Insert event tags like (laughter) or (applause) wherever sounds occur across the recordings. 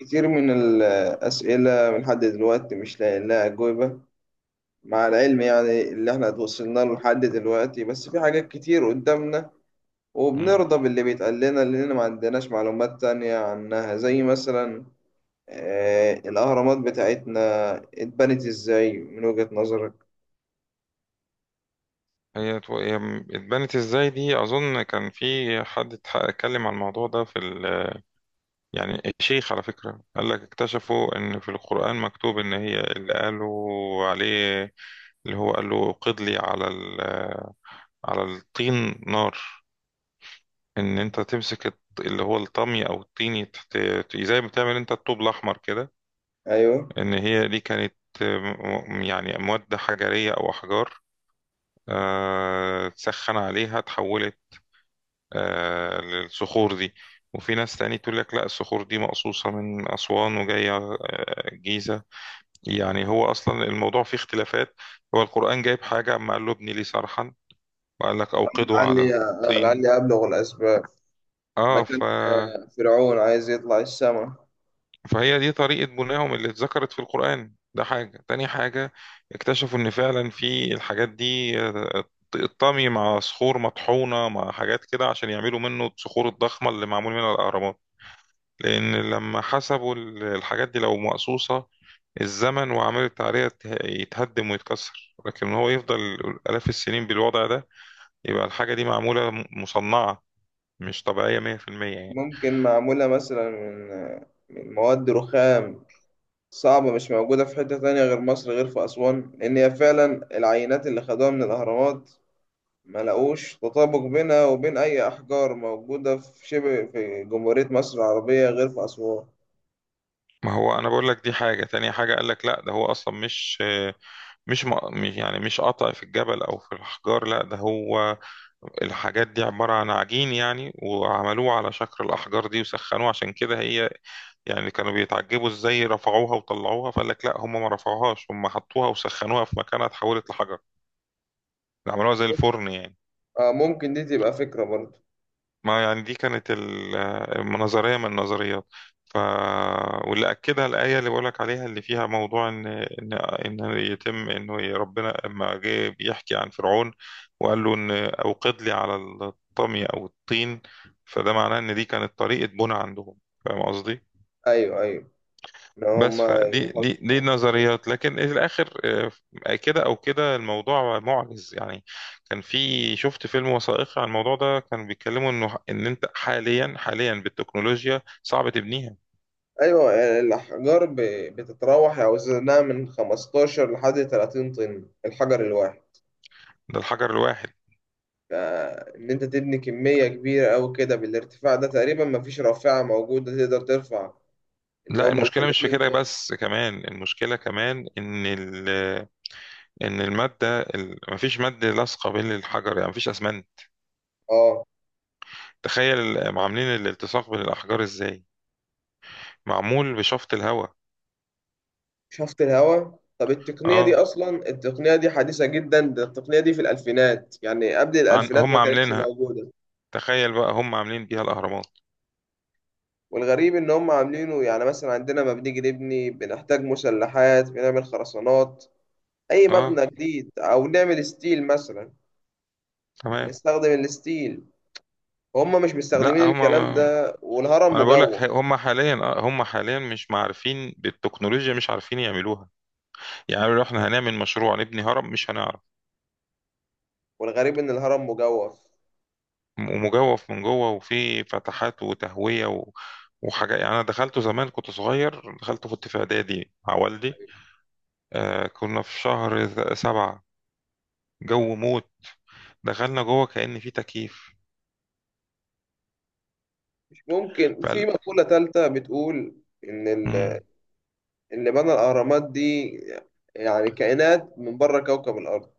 كتير من الأسئلة من لحد دلوقتي مش لاقي لها أجوبة. مع العلم يعني اللي احنا اتوصلنا له لحد دلوقتي، بس في حاجات كتير قدامنا، مم. وبنرضى باللي بيتقال لنا لأن ما عندناش معلومات تانية عنها. زي مثلا الأهرامات بتاعتنا، اتبنت إزاي من وجهة نظرك؟ هي اتبنت ازاي دي، اظن كان في حد اتكلم عن الموضوع ده. يعني الشيخ على فكرة قال لك اكتشفوا ان في القرآن مكتوب ان هي اللي قالوا عليه، اللي هو قال له قد لي على الطين نار. ان انت تمسك اللي هو الطمي او الطين، زي ما بتعمل انت الطوب الاحمر كده. أيوه. ان هي دي كانت يعني مواد حجرية او احجار، تسخن عليها تحولت، للصخور دي. وفي ناس تاني تقول لك لا، الصخور دي مقصوصة من أسوان وجاية، الجيزة. يعني هو أصلا الموضوع فيه اختلافات. هو القرآن جايب حاجة، أما قال له ابني لي صرحا وقال لك أوقده على الطين. لعلي أبلغ الأسباب. ما اه ف... كان فرعون عايز يطلع السما. فهي دي طريقة بنائهم اللي اتذكرت في القرآن. ده حاجة، تاني حاجة اكتشفوا إن فعلا في الحاجات دي، الطمي مع صخور مطحونة مع حاجات كده عشان يعملوا منه الصخور الضخمة اللي معمول منها الأهرامات. لأن لما حسبوا الحاجات دي لو مقصوصة، الزمن وعملت عليها يتهدم ويتكسر، لكن هو يفضل آلاف السنين بالوضع ده، يبقى الحاجة دي معمولة، مصنعة، مش طبيعية 100% يعني. ممكن معمولة مثلا من مواد رخام صعبة مش موجودة في حتة تانية غير مصر، غير في أسوان، لأن هي فعلا العينات اللي خدوها من الأهرامات ما لقوش تطابق بينها وبين أي أحجار موجودة في جمهورية مصر العربية غير في أسوان. ما هو أنا بقول لك دي حاجة، تانية حاجة قال لك لا، ده هو أصلا مش يعني مش قطع في الجبل أو في الأحجار. لا ده هو الحاجات دي عبارة عن عجين يعني، وعملوه على شكل الأحجار دي وسخنوه، عشان كده هي يعني كانوا بيتعجبوا ازاي رفعوها وطلعوها. فقال لك لا، هم ما رفعوهاش، هم حطوها وسخنوها في مكانها، اتحولت لحجر. عملوها زي الفرن يعني. آه، ممكن دي تبقى فكرة برضه. ما يعني دي كانت النظرية من النظريات. ف... واللي أكدها الآية اللي بقولك عليها اللي فيها موضوع إن يتم إنه ربنا لما جه بيحكي عن فرعون وقال له إن أوقد لي على الطمي أو الطين، فده معناه إن دي كانت طريقة بناء عندهم. فاهم قصدي؟ أيوه، أيوه. إن بس هما فدي دي دي يحطوا كده. نظريات، لكن في الاخر، كده او كده الموضوع معجز يعني. كان في شفت فيلم وثائقي عن الموضوع ده، كانوا بيتكلموا انه ان انت حاليا حاليا بالتكنولوجيا صعب تبنيها. أيوه. الأحجار بتتراوح أوزانها من 15 لحد 30 طن الحجر الواحد. ده الحجر الواحد. فإن أنت تبني كمية كبيرة أوي كده بالارتفاع ده، تقريبا مفيش رافعة موجودة تقدر ترفع اللي لا هما ال المشكله مش في 30 كده طن. بس، كمان المشكله كمان ان ال ان الماده ال- مفيش ماده لاصقه بين الحجر يعني، مفيش اسمنت. أه. تخيل عاملين الالتصاق بين الاحجار ازاي؟ معمول بشفط الهواء. شفط الهواء؟ طب التقنية دي اه، أصلا، التقنية دي حديثة جدا، ده التقنية دي في الألفينات يعني. قبل عن الألفينات هم ما كانتش عاملينها، موجودة. تخيل بقى هم عاملين بيها الاهرامات. والغريب إن هم عاملينه. يعني مثلا عندنا، ما بنيجي نبني بنحتاج مسلحات، بنعمل خرسانات أي اه، مبنى جديد، أو نعمل ستيل مثلا. تمام. بنستخدم الستيل. هم مش لا مستخدمين هم الكلام ما... ده، والهرم انا بقول لك مجوف. هم حاليا، هم حاليا مش معرفين بالتكنولوجيا، مش عارفين يعملوها. يعني لو احنا هنعمل مشروع نبني هرم مش هنعرف. والغريب إن الهرم مجوف. ومجوف من جوه وفي فتحات وتهوية وحاجات يعني. انا دخلته زمان كنت صغير، دخلته كنت في اعدادي مع والدي. كنا في شهر سبعة، جو موت. دخلنا جوه كأن في تكييف. مش ممكن في مقولة تالتة بتقول إن فقال. اللي بنى الأهرامات دي يعني كائنات من بره كوكب الأرض.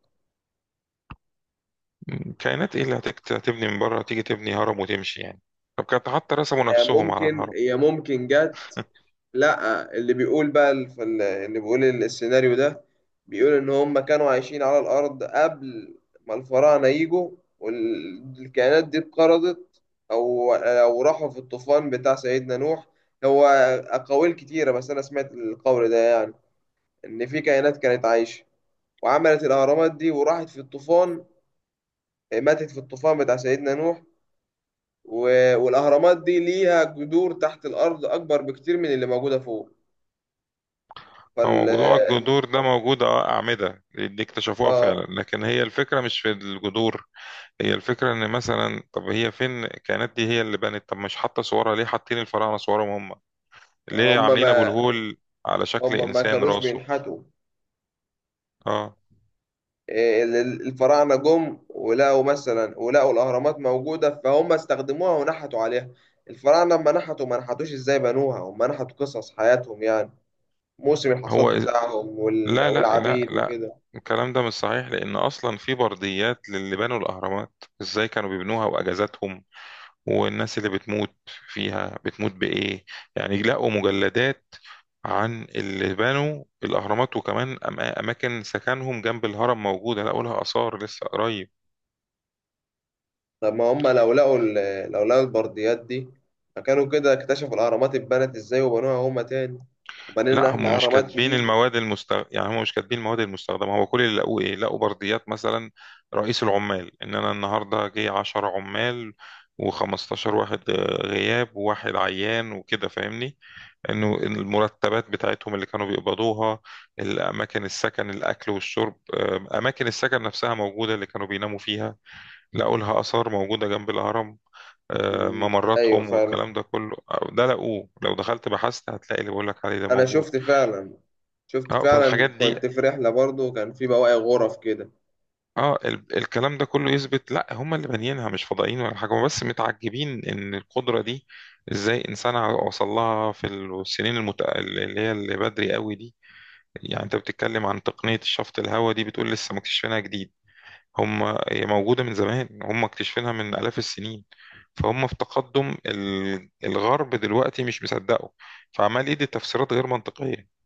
كائنات ايه اللي هتبني من بره تيجي تبني هرم وتمشي يعني؟ طب كانت حتى رسموا يا نفسهم على ممكن الهرم. يا ممكن جت. لا، اللي بيقول بقى اللي بيقول السيناريو ده بيقول إن هم كانوا عايشين على الأرض قبل ما الفراعنة يجوا، والكائنات دي اتقرضت، أو راحوا في الطوفان بتاع سيدنا نوح. هو أقاويل كتيرة، بس أنا سمعت القول ده. يعني إن في كائنات كانت عايشة وعملت الأهرامات دي وراحت في الطوفان. إيه، ماتت في الطوفان بتاع سيدنا نوح. والأهرامات دي ليها جذور تحت الأرض أكبر بكتير من اللي موجودة فوق. هو فال موضوع الجذور ده موجود، أعمدة دي اكتشفوها فعلا، آه. لكن هي الفكرة مش في الجذور. هي الفكرة ان مثلا طب هي فين الكائنات دي، هي اللي بنت؟ طب مش حاطة صورها ليه؟ حاطين الفراعنة صورهم هم ليه؟ هم عاملين ابو ما الهول على شكل هم ما انسان كانوش راسه. بينحتوا. اه إيه، الفراعنة جم ولقوا مثلا، ولقوا الأهرامات موجودة فهم استخدموها ونحتوا عليها. الفراعنة لما نحتوا، ما نحتوش ازاي بنوها، هم نحتوا قصص حياتهم. يعني موسم الحصاد هو إز- بتاعهم لا لا لا والعبيد لا، وكده. الكلام ده مش صحيح، لان اصلا في برديات للي بنوا الاهرامات ازاي كانوا بيبنوها، واجازاتهم والناس اللي بتموت فيها بتموت بإيه. يعني لقوا مجلدات عن اللي بنوا الأهرامات، وكمان أماكن سكنهم جنب الهرم موجودة، لقوا لها آثار لسه قريب. طب ما هم لو لقوا البرديات دي، فكانوا كده اكتشفوا الأهرامات اتبنت ازاي وبنوها هما تاني، وبنينا لا هم احنا مش أهرامات كاتبين جديدة. يعني هم مش كاتبين المواد المستخدمة. هو كل اللي لقوه إيه؟ لقوا برديات مثلا رئيس العمال إن أنا النهاردة جه 10 عمال و15 واحد غياب وواحد عيان وكده، فاهمني؟ انه المرتبات بتاعتهم اللي كانوا بيقبضوها، الاماكن السكن الاكل والشرب، اماكن السكن نفسها موجوده اللي كانوا بيناموا فيها، لقوا لها اثار موجوده جنب الهرم، مم. أيوة ممراتهم فعلا. والكلام ده كله. ده لقوه، لو دخلت بحثت هتلاقي اللي بقول لك عليه ده أنا موجود. شفت فعلا. شفت اه فعلا، فالحاجات دي، كنت في رحلة برضو، وكان في بواقي غرف كده. الكلام ده كله يثبت لا هم اللي بانيينها، مش فضائيين ولا حاجه، هم بس متعجبين ان القدره دي ازاي انسان وصل لها في اللي هي اللي بدري قوي دي. يعني انت بتتكلم عن تقنية الشفط الهواء دي، بتقول لسه مكتشفينها جديد. هم هي موجودة من زمان، هم مكتشفينها من آلاف السنين. فهم في تقدم الغرب دلوقتي مش مصدقه، فعمال يدي تفسيرات غير منطقية.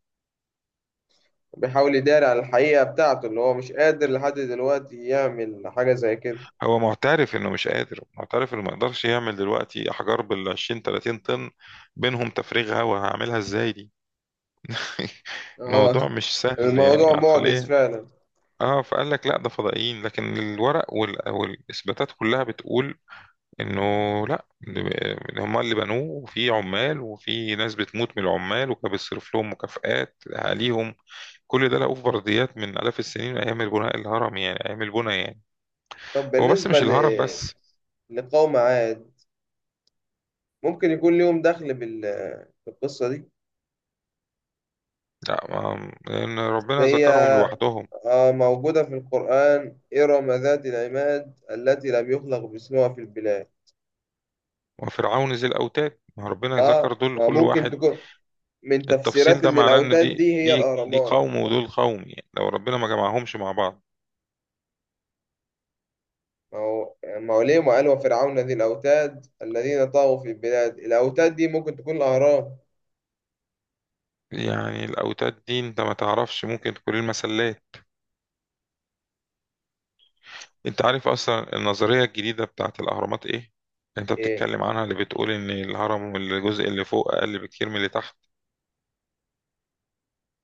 بيحاول يداري على الحقيقة بتاعته اللي هو مش قادر لحد دلوقتي يعمل حاجة زي كده. هو معترف انه مش قادر، معترف انه ما يقدرش يعمل دلوقتي احجار بال 20 30 طن بينهم تفريغ هواء، هعملها ازاي دي؟ (laughs) الموضوع اه. مش سهل يعني الموضوع معجز عقليا. فعلا. اه، فقال لك لا، ده فضائيين، لكن الورق والاثباتات كلها بتقول انه لا، إن هما اللي بنوه، وفي عمال وفي ناس بتموت من العمال، وكان بيصرف لهم مكافآت عليهم. كل ده لقوه في برديات من آلاف السنين، من ايام البناء الهرم يعني، ايام البنى يعني. طب هو بس بالنسبة مش الهرم بس. لقوم عاد. ممكن يكون ليهم دخل بالقصة دي. لا لان أصل ربنا هي ذكرهم لوحدهم. موجودة في القرآن. إرم ذات العماد التي لم يخلق مثلها في البلاد. وفرعون ذي الاوتاد، ما ربنا ذكر اه، دول كل وممكن واحد. تكون من التفصيل تفسيرات ده إن معناه ان الأوتاد دي دي هي دي دي الأهرامات. قوم ودول قوم، يعني لو ربنا ما جمعهمش مع بعض. ما هو ليه ما قال وفرعون ذي الأوتاد الذين طغوا في البلاد؟ الأوتاد دي ممكن تكون الأهرام. يعني الاوتاد دي انت ما تعرفش، ممكن تكون المسلات. انت عارف اصلا النظريه الجديده بتاعت الاهرامات ايه؟ انت إيه؟ بتتكلم عنها، اللي بتقول ان الهرم والجزء اللي فوق اقل بكتير من اللي تحت.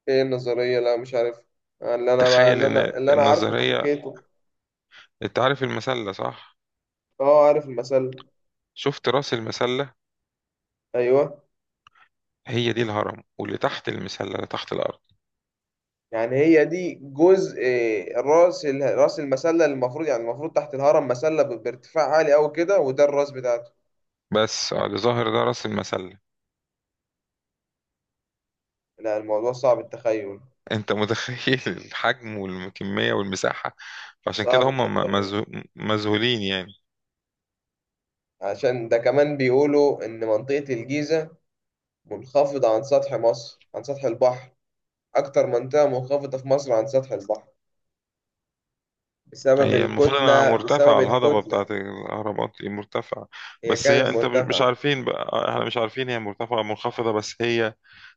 إيه النظرية؟ لا مش عارف. آه، اللي أنا تخيل اللي ان أنا اللي أنا عارفه النظريه، كحكيته. انت عارف المسله صح؟ اه، عارف المثل. شفت راس المسله. أيوه. هي دي الهرم، واللي تحت المسله اللي تحت الارض. يعني هي دي جزء. راس المسله، اللي المفروض يعني، المفروض تحت الهرم مسله بارتفاع عالي قوي كده، وده الراس بتاعته. بس اللي ظاهر ده راس المسله. لا، الموضوع صعب التخيل. انت متخيل (laughs) الحجم والكميه والمساحه؟ فعشان كده صعب هم التخيل. مذهولين يعني. عشان ده كمان بيقولوا ان منطقه الجيزه منخفضه عن سطح مصر، عن سطح البحر. اكتر منطقه منخفضه في مصر عن سطح البحر. بسبب هي المفروض انها الكتله بسبب مرتفعة، الهضبة الكتله بتاعت الاهرامات دي مرتفعة، هي بس هي كانت انت مش مرتفعه. عارفين بقى، احنا مش عارفين هي مرتفعة أو منخفضة، بس هي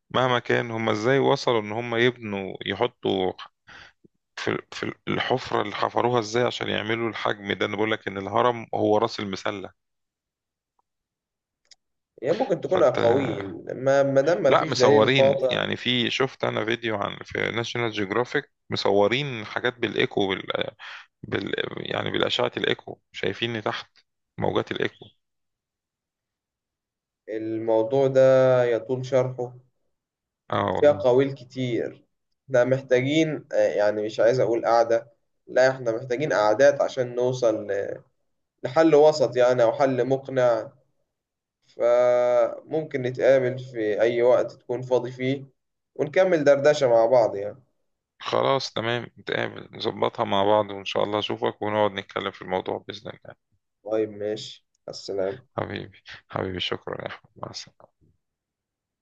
مهما كان هم ازاي وصلوا ان هم يبنوا يحطوا في في الحفرة اللي حفروها، ازاي عشان يعملوا الحجم ده؟ انا بقول لك ان الهرم هو راس المسلة. هي ممكن تكون فانت اقاويل ما دام ما لا، فيش دليل مصورين قاطع. يعني، في شفت انا فيديو عن في ناشونال جيوغرافيك مصورين حاجات بالايكو بال... يعني بالاشعة الايكو شايفين تحت، موجات الايكو. الموضوع ده يطول شرحه. اه فيها والله. قويل كتير. احنا محتاجين، يعني مش عايز اقول قعدة. لا احنا محتاجين قعدات عشان نوصل لحل وسط يعني، او حل مقنع. فممكن نتقابل في اي وقت تكون فاضي فيه، ونكمل دردشة مع بعض يعني. خلاص، تمام، نتقابل نظبطها مع بعض وإن شاء الله أشوفك ونقعد نتكلم في الموضوع بإذن الله. طيب ماشي، السلام. حبيبي، حبيبي، شكرا يا أحمد، مع السلامة.